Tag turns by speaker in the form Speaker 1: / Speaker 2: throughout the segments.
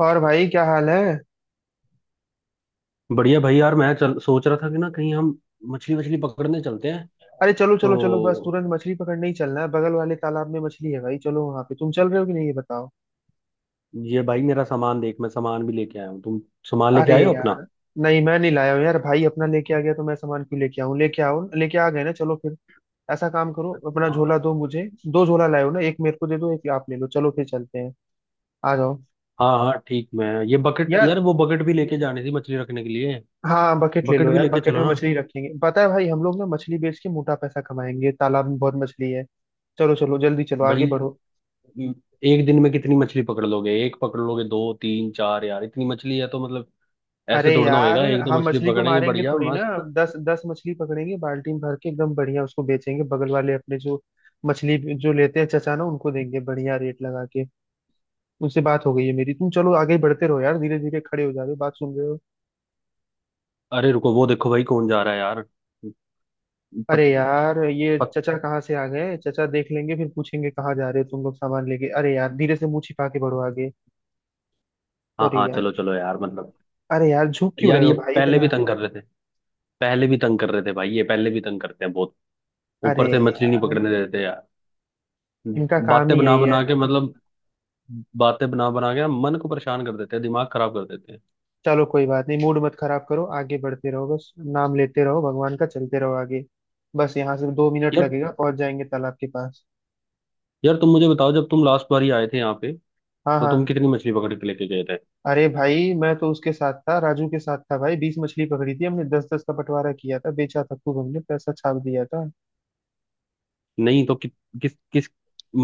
Speaker 1: और भाई क्या हाल है।
Speaker 2: बढ़िया भाई यार। मैं चल सोच रहा था कि ना कहीं हम मछली वछली पकड़ने चलते हैं।
Speaker 1: अरे चलो चलो चलो, बस
Speaker 2: तो
Speaker 1: तुरंत मछली पकड़ने ही चलना है। बगल वाले तालाब में मछली है भाई, चलो वहां पे। तुम चल रहे हो कि नहीं ये बताओ।
Speaker 2: ये भाई मेरा सामान देख, मैं सामान भी लेके आया हूँ। तुम सामान लेके
Speaker 1: अरे
Speaker 2: आए हो अपना?
Speaker 1: यार, नहीं मैं नहीं लाया हूँ यार। भाई अपना लेके आ गया तो मैं सामान क्यों लेके आऊँ। लेके आओ, लेके आ गए ना, चलो फिर। ऐसा काम करो, अपना झोला
Speaker 2: हाँ
Speaker 1: दो मुझे। दो झोला लाए हो ना, एक मेरे को दे दो, एक आप ले लो, चलो फिर चलते हैं। आ जाओ
Speaker 2: हाँ हाँ, ठीक। मैं ये बकेट, यार
Speaker 1: यार।
Speaker 2: वो बकेट भी लेके जानी थी मछली रखने के लिए।
Speaker 1: हाँ बकेट ले
Speaker 2: बकेट
Speaker 1: लो
Speaker 2: भी
Speaker 1: यार,
Speaker 2: लेके
Speaker 1: बकेट
Speaker 2: चलो
Speaker 1: में
Speaker 2: ना
Speaker 1: मछली रखेंगे। पता है भाई, हम लोग ना मछली बेच के मोटा पैसा कमाएंगे, तालाब में बहुत मछली है। चलो चलो जल्दी चलो, आगे
Speaker 2: भाई।
Speaker 1: बढ़ो।
Speaker 2: म, एक दिन में कितनी मछली पकड़ लोगे? एक पकड़ लोगे, दो तीन चार? यार इतनी मछली है तो मतलब, ऐसे
Speaker 1: अरे
Speaker 2: थोड़ा ना
Speaker 1: यार,
Speaker 2: होएगा। एक दो
Speaker 1: हम
Speaker 2: मछली
Speaker 1: मछली को
Speaker 2: पकड़ेंगे
Speaker 1: मारेंगे
Speaker 2: बढ़िया
Speaker 1: थोड़ी ना।
Speaker 2: मस्त।
Speaker 1: 10 10 मछली पकड़ेंगे, बाल्टी में भर के एकदम बढ़िया, उसको बेचेंगे बगल वाले अपने जो मछली जो लेते हैं चचा ना, उनको देंगे बढ़िया रेट लगा के। उनसे बात हो गई है मेरी, तुम चलो आगे बढ़ते रहो यार। धीरे धीरे खड़े हो जा रहे हो, बात सुन रहे हो?
Speaker 2: अरे रुको, वो देखो भाई कौन जा रहा है यार। पत,
Speaker 1: अरे यार, ये
Speaker 2: पत,
Speaker 1: चचा कहाँ से आ गए। चचा देख लेंगे फिर पूछेंगे कहाँ जा रहे हो तुम लोग सामान लेके। अरे यार धीरे से, मुंह छिपा के बढ़ो आगे।
Speaker 2: हाँ
Speaker 1: अरे
Speaker 2: हाँ
Speaker 1: यार,
Speaker 2: चलो चलो यार, मतलब।
Speaker 1: अरे यार झुक क्यों
Speaker 2: यार
Speaker 1: रहे हो
Speaker 2: ये
Speaker 1: भाई
Speaker 2: पहले भी
Speaker 1: इतना।
Speaker 2: तंग कर रहे थे, पहले भी तंग कर रहे थे भाई। ये पहले भी तंग करते हैं बहुत।
Speaker 1: अरे
Speaker 2: ऊपर से मछली नहीं
Speaker 1: यार,
Speaker 2: पकड़ने देते यार।
Speaker 1: इनका काम
Speaker 2: बातें
Speaker 1: ही
Speaker 2: बना
Speaker 1: यही
Speaker 2: बना
Speaker 1: है।
Speaker 2: के मतलब बातें बना बना के ना मन को परेशान कर देते हैं, दिमाग खराब कर देते हैं।
Speaker 1: चलो कोई बात नहीं, मूड मत खराब करो, आगे बढ़ते रहो, बस नाम लेते रहो भगवान का, चलते रहो आगे। बस यहाँ से 2 मिनट
Speaker 2: यार,
Speaker 1: लगेगा, पहुंच जाएंगे तालाब के पास।
Speaker 2: यार तुम मुझे बताओ, जब तुम लास्ट बार ही आए थे यहाँ पे,
Speaker 1: हाँ
Speaker 2: तो तुम
Speaker 1: हाँ।
Speaker 2: कितनी मछली पकड़ के लेके गए थे?
Speaker 1: अरे भाई मैं तो उसके साथ था, राजू के साथ था भाई, 20 मछली पकड़ी थी हमने, 10 10 का बंटवारा किया था, बेचा था खूब, हमने पैसा छाप दिया था।
Speaker 2: नहीं तो किस किस,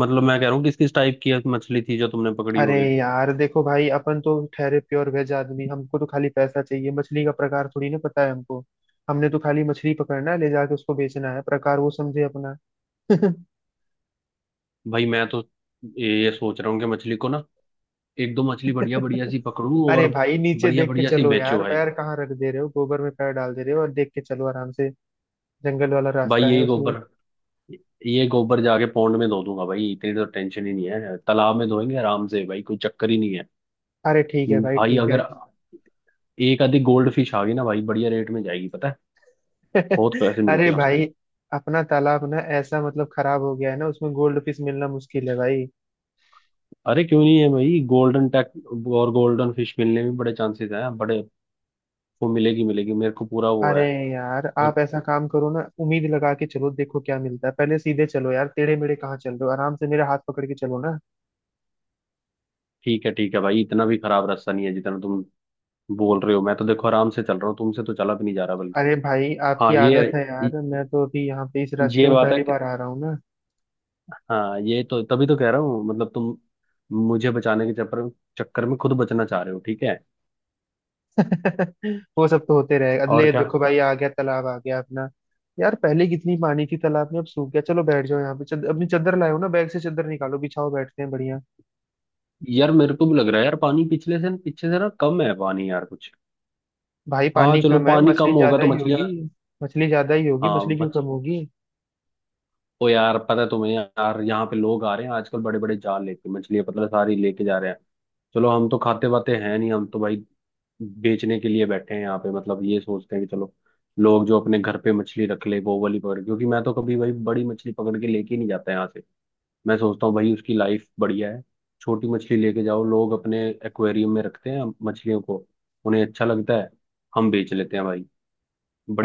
Speaker 2: मतलब मैं कह रहा हूँ किस किस टाइप की मछली थी जो तुमने पकड़ी
Speaker 1: अरे
Speaker 2: होगी।
Speaker 1: यार देखो भाई, अपन तो ठहरे प्योर वेज आदमी, हमको तो खाली पैसा चाहिए, मछली का प्रकार थोड़ी ना पता है हमको। हमने तो खाली मछली पकड़ना है, ले जाके उसको बेचना है, प्रकार वो समझे अपना।
Speaker 2: भाई मैं तो ये सोच रहा हूँ कि मछली को ना एक दो मछली बढ़िया बढ़िया सी पकड़ूं
Speaker 1: अरे
Speaker 2: और
Speaker 1: भाई, नीचे
Speaker 2: बढ़िया
Speaker 1: देख के
Speaker 2: बढ़िया सी
Speaker 1: चलो
Speaker 2: बेचो
Speaker 1: यार,
Speaker 2: भाई।
Speaker 1: पैर कहाँ रख दे रहे हो, गोबर में पैर डाल दे रहे हो, और देख के चलो आराम से। जंगल वाला
Speaker 2: भाई
Speaker 1: रास्ता है
Speaker 2: यही
Speaker 1: उसमें।
Speaker 2: गोबर ये गोबर जाके पौंड में धो दूंगा भाई। इतनी तो टेंशन ही नहीं है, तालाब में धोएंगे आराम से भाई। कोई चक्कर ही नहीं है।
Speaker 1: अरे ठीक है भाई
Speaker 2: भाई
Speaker 1: ठीक है।
Speaker 2: अगर एक आधी गोल्ड फिश आ गई ना भाई, बढ़िया रेट में जाएगी पता है। बहुत पैसे
Speaker 1: अरे
Speaker 2: मिलते हैं उसके।
Speaker 1: भाई, अपना तालाब ना ऐसा मतलब खराब हो गया है ना, उसमें गोल्ड फिश मिलना मुश्किल है भाई।
Speaker 2: अरे क्यों नहीं है भाई गोल्डन टैक और गोल्डन फिश मिलने में बड़े चांसेस हैं, बड़े। वो मिलेगी, मिलेगी, मेरे को पूरा वो
Speaker 1: अरे
Speaker 2: है।
Speaker 1: यार, आप
Speaker 2: और
Speaker 1: ऐसा काम करो ना, उम्मीद लगा के चलो, देखो क्या मिलता है। पहले सीधे चलो यार, टेढ़े मेढ़े कहाँ चल रहे हो, आराम से मेरे हाथ पकड़ के चलो ना।
Speaker 2: ठीक है, ठीक है भाई। इतना भी खराब रास्ता नहीं है जितना तुम बोल रहे हो। मैं तो देखो आराम से चल रहा हूँ, तुमसे तो चला भी नहीं जा रहा, बल्कि।
Speaker 1: अरे भाई आपकी
Speaker 2: हाँ ये
Speaker 1: आदत है यार, मैं तो अभी यहाँ पे इस रास्ते
Speaker 2: ये
Speaker 1: में
Speaker 2: बात
Speaker 1: पहली
Speaker 2: है।
Speaker 1: बार आ रहा हूँ ना।
Speaker 2: हाँ ये तो तभी तो कह रहा हूँ मतलब, तुम मुझे बचाने के चक्कर, चक्कर में खुद बचना चाह रहे हो, ठीक है।
Speaker 1: वो सब तो होते रहे
Speaker 2: और
Speaker 1: अगले,
Speaker 2: क्या,
Speaker 1: देखो भाई आ गया तालाब, आ गया अपना। यार पहले कितनी पानी थी तालाब में, अब सूख गया। चलो बैठ जाओ यहाँ पे। अपनी चादर लाए हो ना, बैग से चादर निकालो, बिछाओ, बैठते हैं बढ़िया।
Speaker 2: यार मेरे को भी लग रहा है यार, पानी पिछले से पीछे से ना कम है पानी यार कुछ।
Speaker 1: भाई
Speaker 2: हाँ
Speaker 1: पानी
Speaker 2: चलो,
Speaker 1: कम है,
Speaker 2: पानी
Speaker 1: मछली
Speaker 2: कम होगा
Speaker 1: ज्यादा
Speaker 2: तो
Speaker 1: ही
Speaker 2: मछलियाँ।
Speaker 1: होगी। मछली ज्यादा ही होगी,
Speaker 2: हाँ
Speaker 1: मछली क्यों कम
Speaker 2: मछ
Speaker 1: होगी।
Speaker 2: ओ यार, पता है तुम्हें, यार यहाँ पे लोग आ रहे हैं आजकल बड़े बड़े जाल लेके, मछलियाँ पता है सारी लेके जा रहे हैं। चलो, हम तो खाते वाते हैं नहीं, हम तो भाई बेचने के लिए बैठे हैं यहाँ पे। मतलब ये सोचते हैं कि चलो, लोग जो अपने घर पे मछली रख ले वो वाली पकड़, क्योंकि मैं तो कभी भाई बड़ी मछली पकड़ के लेके ही नहीं जाता यहाँ से। मैं सोचता हूँ भाई उसकी लाइफ बढ़िया है। छोटी मछली लेके जाओ, लोग अपने एक्वेरियम में रखते हैं मछलियों को, उन्हें अच्छा लगता है। हम बेच लेते हैं भाई,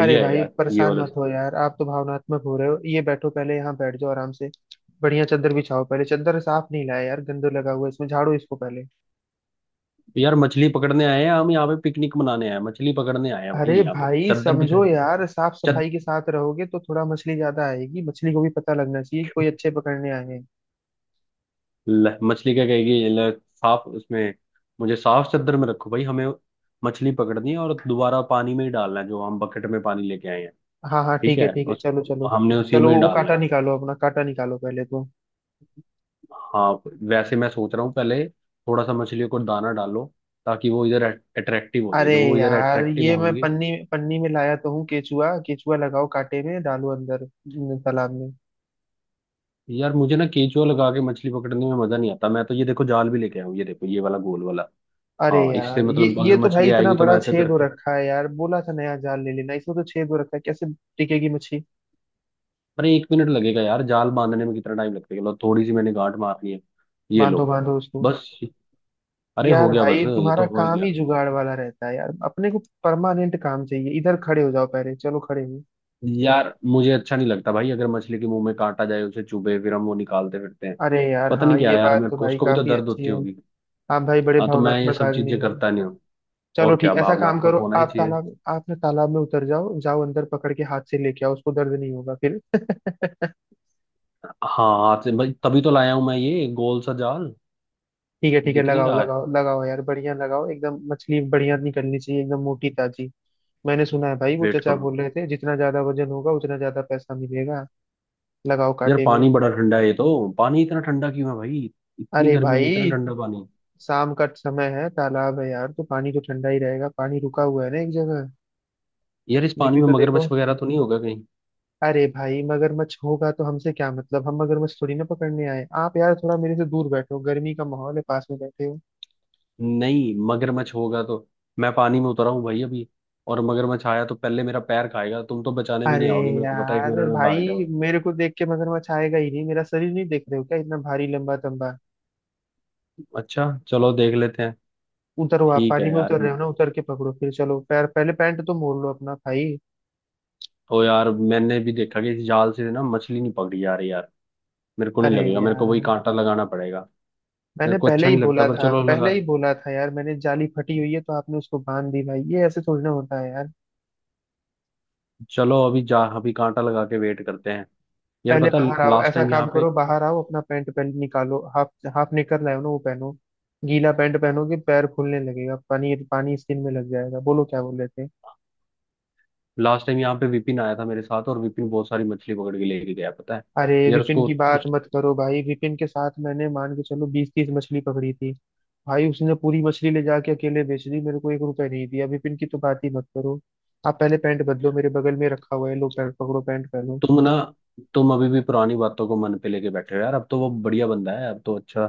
Speaker 1: अरे
Speaker 2: है
Speaker 1: भाई
Speaker 2: यार ये
Speaker 1: परेशान
Speaker 2: वाला।
Speaker 1: मत हो यार, आप तो भावनात्मक हो रहे हो। ये बैठो पहले यहाँ, बैठ जाओ आराम से। बढ़िया चादर बिछाओ, पहले चादर साफ नहीं लाया यार, गंदो लगा हुआ है इसमें, झाड़ो इसको पहले।
Speaker 2: यार मछली पकड़ने आए हैं हम यहाँ पे, पिकनिक मनाने आए हैं? मछली पकड़ने आए हैं भाई,
Speaker 1: अरे
Speaker 2: यहाँ पे
Speaker 1: भाई
Speaker 2: चद्दर भी
Speaker 1: समझो
Speaker 2: चाहिए।
Speaker 1: यार, साफ
Speaker 2: चद
Speaker 1: सफाई के साथ रहोगे तो थोड़ा मछली ज्यादा आएगी। मछली को भी पता लगना चाहिए कि कोई अच्छे पकड़ने आए हैं।
Speaker 2: मछली क्या कहेगी, साफ उसमें, मुझे साफ चद्दर में रखो भाई। हमें मछली पकड़नी है और दोबारा पानी में ही डालना है, जो हम बकेट में पानी लेके आए हैं।
Speaker 1: हाँ हाँ
Speaker 2: ठीक
Speaker 1: ठीक है
Speaker 2: है,
Speaker 1: ठीक है,
Speaker 2: उस
Speaker 1: चलो चलो।
Speaker 2: हमने उसी
Speaker 1: चलो
Speaker 2: में ही
Speaker 1: वो
Speaker 2: डालना है।
Speaker 1: कांटा निकालो, अपना कांटा निकालो पहले तो।
Speaker 2: हाँ, वैसे मैं सोच रहा हूँ पहले थोड़ा सा मछलियों को दाना डालो, ताकि वो इधर अट्रैक्टिव हो जाए,
Speaker 1: अरे
Speaker 2: जब वो इधर
Speaker 1: यार
Speaker 2: अट्रैक्टिव
Speaker 1: ये मैं
Speaker 2: होंगी।
Speaker 1: पन्नी पन्नी में लाया तो हूँ केचुआ, केचुआ लगाओ कांटे में, डालो अंदर न, तालाब में।
Speaker 2: यार मुझे ना केंचुआ लगा के मछली पकड़ने में मजा नहीं आता। मैं तो ये देखो जाल भी लेके आया हूँ, ये देखो, ये वाला गोल वाला।
Speaker 1: अरे
Speaker 2: हाँ इससे,
Speaker 1: यार ये
Speaker 2: मतलब
Speaker 1: ये
Speaker 2: अगर
Speaker 1: तो भाई
Speaker 2: मछली
Speaker 1: इतना
Speaker 2: आएगी तो
Speaker 1: बड़ा
Speaker 2: मैं ऐसे
Speaker 1: छेद हो
Speaker 2: करके।
Speaker 1: रखा है यार, बोला था नया जाल ले लेना, इसमें तो छेद हो रखा है, कैसे टिकेगी मछली।
Speaker 2: अरे 1 मिनट लगेगा यार, जाल बांधने में कितना टाइम लगता है? लो थोड़ी सी मैंने गांठ मारनी है। ये
Speaker 1: बांधो
Speaker 2: लो,
Speaker 1: बांधो उसको।
Speaker 2: बस। अरे हो
Speaker 1: यार
Speaker 2: गया, बस,
Speaker 1: भाई
Speaker 2: ये
Speaker 1: तुम्हारा
Speaker 2: तो हो ही
Speaker 1: काम
Speaker 2: गया।
Speaker 1: ही जुगाड़ वाला रहता है यार, अपने को परमानेंट काम चाहिए। इधर खड़े हो जाओ पहले, चलो खड़े हो।
Speaker 2: यार मुझे अच्छा नहीं लगता भाई, अगर मछली के मुंह में कांटा जाए, उसे चुभे, फिर हम वो निकालते फिरते हैं।
Speaker 1: अरे यार,
Speaker 2: पता
Speaker 1: हाँ
Speaker 2: नहीं
Speaker 1: ये
Speaker 2: क्या यार,
Speaker 1: बात
Speaker 2: मेरे
Speaker 1: तो
Speaker 2: को
Speaker 1: भाई
Speaker 2: उसको भी तो
Speaker 1: काफी
Speaker 2: दर्द
Speaker 1: अच्छी
Speaker 2: होती
Speaker 1: है।
Speaker 2: होगी।
Speaker 1: आप भाई बड़े
Speaker 2: हाँ तो मैं ये
Speaker 1: भावनात्मक
Speaker 2: सब
Speaker 1: आदमी
Speaker 2: चीजें
Speaker 1: हो।
Speaker 2: करता नहीं हूँ।
Speaker 1: चलो
Speaker 2: और
Speaker 1: ठीक,
Speaker 2: क्या,
Speaker 1: ऐसा काम
Speaker 2: भावनात्मक
Speaker 1: करो
Speaker 2: होना ही
Speaker 1: आप
Speaker 2: चाहिए।
Speaker 1: तालाब, आप ना तालाब में उतर जाओ, जाओ अंदर, पकड़ के हाथ से लेके आओ, उसको दर्द नहीं होगा फिर।
Speaker 2: हाँ हाथ से भाई, तभी तो लाया हूँ मैं ये गोल सा जाल।
Speaker 1: ठीक है ठीक है,
Speaker 2: दिख नहीं
Speaker 1: लगाओ
Speaker 2: रहा है,
Speaker 1: लगाओ लगाओ यार, बढ़िया लगाओ एकदम, मछली बढ़िया निकलनी चाहिए एकदम मोटी ताजी। मैंने सुना है भाई वो
Speaker 2: वेट
Speaker 1: चचा
Speaker 2: करो।
Speaker 1: बोल रहे थे, जितना ज्यादा वजन होगा उतना ज्यादा पैसा मिलेगा। लगाओ
Speaker 2: यार
Speaker 1: कांटे में।
Speaker 2: पानी बड़ा ठंडा है, ये तो पानी इतना ठंडा क्यों है भाई? इतनी
Speaker 1: अरे
Speaker 2: गर्मी में इतना
Speaker 1: भाई,
Speaker 2: ठंडा पानी।
Speaker 1: शाम का समय है, तालाब है यार, तो पानी तो ठंडा ही रहेगा, पानी रुका हुआ है ना एक जगह।
Speaker 2: यार इस
Speaker 1: ये
Speaker 2: पानी
Speaker 1: भी
Speaker 2: में
Speaker 1: तो
Speaker 2: मगरमच्छ
Speaker 1: देखो।
Speaker 2: वगैरह तो नहीं होगा कहीं?
Speaker 1: अरे भाई, मगरमच्छ होगा तो हमसे क्या मतलब, हम मगरमच्छ थोड़ी ना पकड़ने आए। आप यार थोड़ा मेरे से दूर बैठो, गर्मी का माहौल है, पास में बैठे हो।
Speaker 2: नहीं, मगरमच्छ होगा तो, मैं पानी में उतरा हूँ भाई अभी, और मगरमच्छ आया तो पहले मेरा पैर खाएगा। तुम तो बचाने भी
Speaker 1: अरे
Speaker 2: नहीं आओगे मेरे को, पता है, एक
Speaker 1: यार,
Speaker 2: मिनट में
Speaker 1: भाई
Speaker 2: भाग जाओगे।
Speaker 1: मेरे को देख के मगरमच्छ आएगा ही नहीं, मेरा शरीर नहीं देख रहे हो क्या, इतना भारी लंबा तंबा।
Speaker 2: अच्छा चलो देख लेते हैं।
Speaker 1: उतरो, आप
Speaker 2: ठीक है
Speaker 1: पानी में
Speaker 2: यार।
Speaker 1: उतर रहे हो ना, उतर के पकड़ो फिर। चलो पैर पहले, पैंट तो मोड़ लो अपना भाई।
Speaker 2: ओ यार मैंने भी देखा कि इस जाल से ना मछली नहीं पकड़ी जा रही यार। मेरे को नहीं
Speaker 1: अरे
Speaker 2: लगेगा, मेरे को वही
Speaker 1: यार,
Speaker 2: कांटा लगाना पड़ेगा। मेरे
Speaker 1: मैंने
Speaker 2: को
Speaker 1: पहले
Speaker 2: अच्छा
Speaker 1: ही
Speaker 2: नहीं लगता
Speaker 1: बोला
Speaker 2: पर
Speaker 1: था,
Speaker 2: चलो
Speaker 1: पहले
Speaker 2: लगा,
Speaker 1: ही बोला था यार मैंने, जाली फटी हुई है, तो आपने उसको बांध दी भाई, ये ऐसे थोड़ी ना होता है यार।
Speaker 2: चलो अभी जा, अभी कांटा लगा के वेट करते हैं। यार
Speaker 1: पहले
Speaker 2: पता,
Speaker 1: बाहर आओ,
Speaker 2: लास्ट
Speaker 1: ऐसा
Speaker 2: टाइम
Speaker 1: काम
Speaker 2: यहाँ पे,
Speaker 1: करो बाहर आओ, अपना पैंट पहन, निकालो हाफ। हाफ निकल रहा है ना वो, पहनो। गीला पैंट पहनोगे पैर फूलने लगेगा, पानी पानी स्किन में लग जाएगा। बोलो क्या बोल रहे थे।
Speaker 2: लास्ट टाइम यहाँ पे विपिन आया था मेरे साथ, और विपिन बहुत सारी मछली पकड़ के लेके गया पता है।
Speaker 1: अरे
Speaker 2: यार
Speaker 1: विपिन
Speaker 2: उसको,
Speaker 1: की बात मत करो भाई, विपिन के साथ मैंने मान के चलो 20 30 मछली पकड़ी थी। भाई उसने पूरी मछली ले जाके अकेले बेच दी, मेरे को 1 रुपए नहीं दिया, विपिन की तो बात ही मत करो। आप पहले पैंट बदलो, मेरे बगल में रखा हुआ है, लो पैंट पकड़ो, पैंट पहनो।
Speaker 2: तुम ना, तुम अभी भी पुरानी बातों को मन पे लेके बैठे हो यार। अब तो वो बढ़िया बंदा है, अब तो अच्छा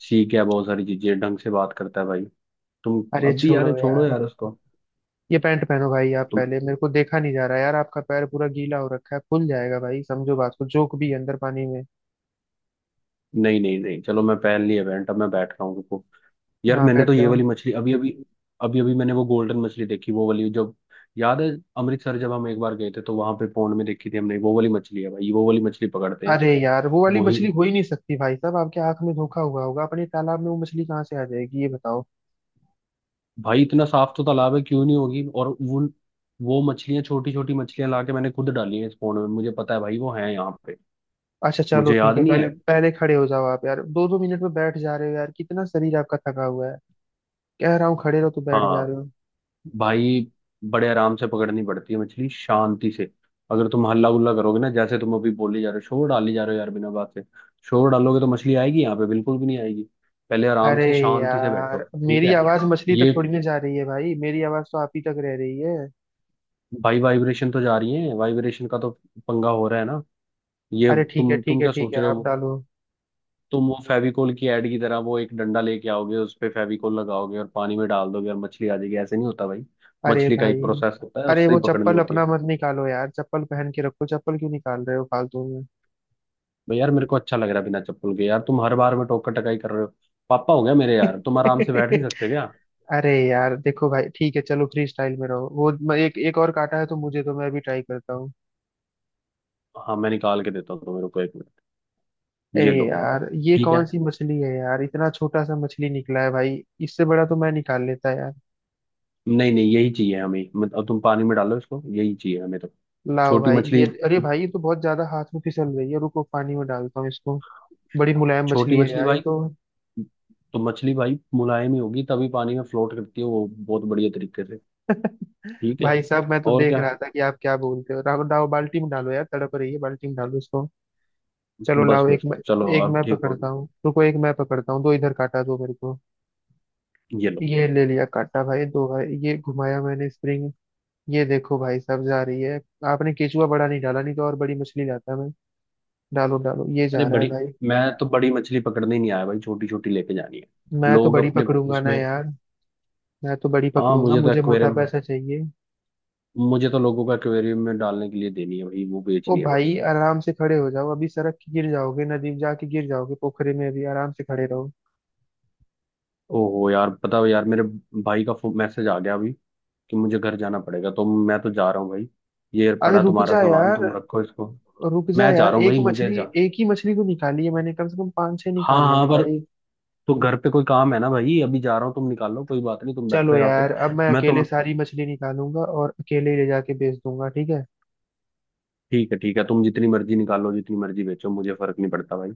Speaker 2: सीख गया, बहुत सारी चीजें ढंग से बात करता है भाई। तुम
Speaker 1: अरे
Speaker 2: अब भी,
Speaker 1: छोड़ो
Speaker 2: यार छोड़ो
Speaker 1: यार।
Speaker 2: यार उसको।
Speaker 1: ये पैंट पहनो भाई आप
Speaker 2: तुम,
Speaker 1: पहले, मेरे को देखा नहीं जा रहा यार, आपका पैर पूरा गीला हो रखा है, फूल जाएगा भाई, समझो बात को, जोक भी है अंदर पानी में।
Speaker 2: नहीं नहीं नहीं, चलो मैं पहन ली इवेंट, अब मैं बैठ रहा हूँ, रुको। यार
Speaker 1: हाँ
Speaker 2: मैंने तो
Speaker 1: बैठ
Speaker 2: ये
Speaker 1: जाओ।
Speaker 2: वाली मछली अभी अभी, अभी अभी मैंने वो गोल्डन मछली देखी, वो वाली, जब याद है अमृतसर जब हम एक बार गए थे तो वहां पे पौंड में देखी थी हमने, वो वाली मछली है भाई, वो वाली मछली पकड़ते हैं।
Speaker 1: अरे यार, वो वाली
Speaker 2: वही
Speaker 1: मछली हो ही नहीं सकती भाई साहब, आपके आंख में धोखा हुआ होगा, अपने तालाब में वो मछली कहाँ से आ जाएगी ये बताओ।
Speaker 2: भाई, इतना साफ तो तालाब है, क्यों नहीं होगी? और वो मछलियां, छोटी छोटी मछलियां लाके मैंने खुद डाली है इस पौंड में, मुझे पता है भाई वो है यहाँ पे।
Speaker 1: अच्छा चलो
Speaker 2: मुझे
Speaker 1: ठीक
Speaker 2: याद
Speaker 1: है,
Speaker 2: नहीं
Speaker 1: पहले
Speaker 2: है।
Speaker 1: पहले खड़े हो जाओ आप यार, 2 2 मिनट में बैठ जा रहे हो यार, कितना शरीर आपका थका हुआ है। कह रहा हूँ खड़े रहो तो बैठ जा
Speaker 2: हाँ
Speaker 1: रहे हो।
Speaker 2: भाई, बड़े आराम से पकड़नी पड़ती है मछली, शांति से। अगर तुम हल्ला गुल्ला करोगे ना, जैसे तुम अभी बोली जा रहे हो, शोर डाली जा रहे हो यार बिना बात से, शोर डालोगे तो मछली आएगी यहाँ पे बिल्कुल भी नहीं आएगी। पहले आराम
Speaker 1: अरे
Speaker 2: से शांति से बैठो।
Speaker 1: यार,
Speaker 2: ठीक
Speaker 1: मेरी
Speaker 2: है।
Speaker 1: आवाज मछली तक
Speaker 2: ये
Speaker 1: थोड़ी ना जा रही है भाई, मेरी आवाज तो आप ही तक रह रही है।
Speaker 2: भाई, वाइब्रेशन तो जा रही है, वाइब्रेशन का तो पंगा हो रहा है ना। ये
Speaker 1: अरे ठीक है
Speaker 2: तुम
Speaker 1: ठीक
Speaker 2: तुम
Speaker 1: है
Speaker 2: क्या
Speaker 1: ठीक
Speaker 2: सोच
Speaker 1: है,
Speaker 2: रहे
Speaker 1: आप
Speaker 2: हो?
Speaker 1: डालो।
Speaker 2: तुम वो फेविकोल की ऐड की तरह वो एक डंडा लेके आओगे, उस पे फेविकोल लगाओगे और पानी में डाल दोगे और मछली आ जाएगी? ऐसे नहीं होता भाई।
Speaker 1: अरे
Speaker 2: मछली का
Speaker 1: भाई,
Speaker 2: एक प्रोसेस होता है,
Speaker 1: अरे
Speaker 2: उससे
Speaker 1: वो
Speaker 2: ही पकड़नी
Speaker 1: चप्पल
Speaker 2: होती
Speaker 1: अपना
Speaker 2: है।
Speaker 1: मत निकालो यार, चप्पल पहन के रखो, चप्पल क्यों निकाल रहे हो फालतू में।
Speaker 2: भाई यार मेरे को अच्छा लग रहा है बिना चप्पल के यार, तुम हर बार में टोकर टकाई कर रहे हो, पापा हो गया मेरे। यार तुम आराम से बैठ नहीं सकते क्या?
Speaker 1: अरे यार देखो भाई, ठीक है चलो फ्री स्टाइल में रहो। वो मैं एक एक और काटा है तो, मुझे तो मैं भी ट्राई करता हूँ।
Speaker 2: हाँ मैं निकाल के देता हूँ तुम्हें, रुको 1 मिनट।
Speaker 1: अरे
Speaker 2: ये लो।
Speaker 1: यार ये
Speaker 2: ठीक
Speaker 1: कौन
Speaker 2: है,
Speaker 1: सी मछली है यार, इतना छोटा सा मछली निकला है भाई। इससे बड़ा तो मैं निकाल लेता यार।
Speaker 2: नहीं नहीं यही चाहिए हमें, अब तुम पानी में डालो इसको, यही चाहिए हमें तो।
Speaker 1: लाओ
Speaker 2: छोटी
Speaker 1: भाई
Speaker 2: मछली,
Speaker 1: ये, अरे भाई ये तो बहुत ज्यादा हाथ में फिसल रही है, रुको पानी में डालता हूँ इसको। बड़ी मुलायम
Speaker 2: छोटी
Speaker 1: मछली है
Speaker 2: मछली
Speaker 1: यार ये
Speaker 2: भाई।
Speaker 1: तो।
Speaker 2: तो मछली भाई मुलायम ही होगी, तभी पानी में फ्लोट करती है वो बहुत बढ़िया तरीके से। ठीक है।
Speaker 1: भाई साहब मैं तो
Speaker 2: और
Speaker 1: देख
Speaker 2: क्या,
Speaker 1: रहा था कि आप क्या बोलते हो, राव डाव बाल्टी में डालो यार, तड़प रही है, बाल्टी में डालो इसको। चलो
Speaker 2: बस
Speaker 1: लाओ, एक
Speaker 2: बस
Speaker 1: मैं,
Speaker 2: बस चलो
Speaker 1: एक
Speaker 2: अब
Speaker 1: मैं
Speaker 2: ठीक होगी।
Speaker 1: पकड़ता हूँ, रुको एक मैं पकड़ता हूँ, दो इधर काटा दो मेरे को।
Speaker 2: ये लो।
Speaker 1: ये ले लिया काटा भाई, दो भाई ये घुमाया मैंने स्प्रिंग। ये देखो भाई साहब जा रही है। आपने केचुआ बड़ा नहीं डाला, नहीं तो और बड़ी मछली लाता मैं। डालो डालो ये
Speaker 2: अरे
Speaker 1: जा रहा है
Speaker 2: बड़ी,
Speaker 1: भाई।
Speaker 2: मैं तो बड़ी मछली पकड़ने ही नहीं आया भाई, छोटी छोटी लेके जानी है।
Speaker 1: मैं तो
Speaker 2: लोग
Speaker 1: बड़ी
Speaker 2: अपने
Speaker 1: पकड़ूंगा ना
Speaker 2: उसमें,
Speaker 1: यार। मैं तो बड़ी
Speaker 2: हाँ
Speaker 1: पकड़ूंगा,
Speaker 2: मुझे तो
Speaker 1: मुझे मोटा
Speaker 2: एक्वेरियम है,
Speaker 1: पैसा चाहिए।
Speaker 2: मुझे तो लोगों का एक्वेरियम में डालने के लिए देनी है भाई, वो
Speaker 1: ओ
Speaker 2: बेचनी है
Speaker 1: भाई
Speaker 2: बस।
Speaker 1: आराम से खड़े हो जाओ, अभी सड़क के गिर जाओगे, नदी में जाके गिर जाओगे, पोखरे में अभी, आराम से खड़े रहो।
Speaker 2: ओहो यार पता है यार, मेरे भाई का मैसेज आ गया अभी कि मुझे घर जाना पड़ेगा, तो मैं तो जा रहा हूँ भाई। ये
Speaker 1: अरे
Speaker 2: पड़ा
Speaker 1: रुक
Speaker 2: तुम्हारा
Speaker 1: जा
Speaker 2: सामान,
Speaker 1: यार,
Speaker 2: तुम रखो इसको।
Speaker 1: रुक जा
Speaker 2: मैं जा
Speaker 1: यार,
Speaker 2: रहा हूँ
Speaker 1: एक
Speaker 2: भाई, मुझे
Speaker 1: मछली,
Speaker 2: जा,
Speaker 1: एक ही मछली को निकाली है मैंने, कम से कम 5 6
Speaker 2: हाँ
Speaker 1: निकाल लेने
Speaker 2: हाँ पर,
Speaker 1: भाई।
Speaker 2: तो घर पे कोई काम है ना भाई, अभी जा रहा हूँ तुम निकालो, कोई बात नहीं, तुम बैठो
Speaker 1: चलो
Speaker 2: यहाँ पे।
Speaker 1: यार, अब मैं
Speaker 2: मैं
Speaker 1: अकेले
Speaker 2: तुम
Speaker 1: सारी मछली निकालूंगा और अकेले ही ले जाके बेच दूंगा, ठीक है।
Speaker 2: ठीक है, ठीक है, तुम जितनी मर्जी निकालो, जितनी मर्जी बेचो, मुझे फर्क नहीं पड़ता भाई।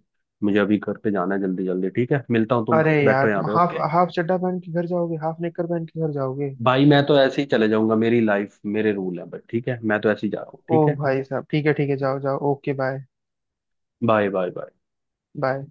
Speaker 2: मुझे अभी घर पे जाना है जल्दी जल्दी, ठीक है मिलता हूँ, तुम
Speaker 1: अरे यार
Speaker 2: बैठो यहाँ
Speaker 1: तुम
Speaker 2: पे
Speaker 1: हाफ,
Speaker 2: ओके।
Speaker 1: हाफ चड्डा पहन के घर जाओगे, हाफ नेकर पहन के घर जाओगे।
Speaker 2: भाई मैं तो ऐसे ही चले जाऊंगा, मेरी लाइफ मेरे रूल है, बट ठीक है, मैं तो ऐसे ही जा रहा हूँ,
Speaker 1: ओ
Speaker 2: ठीक है।
Speaker 1: भाई साहब ठीक है ठीक है, जाओ जाओ, okay bye.
Speaker 2: Bye, bye, bye.
Speaker 1: Bye.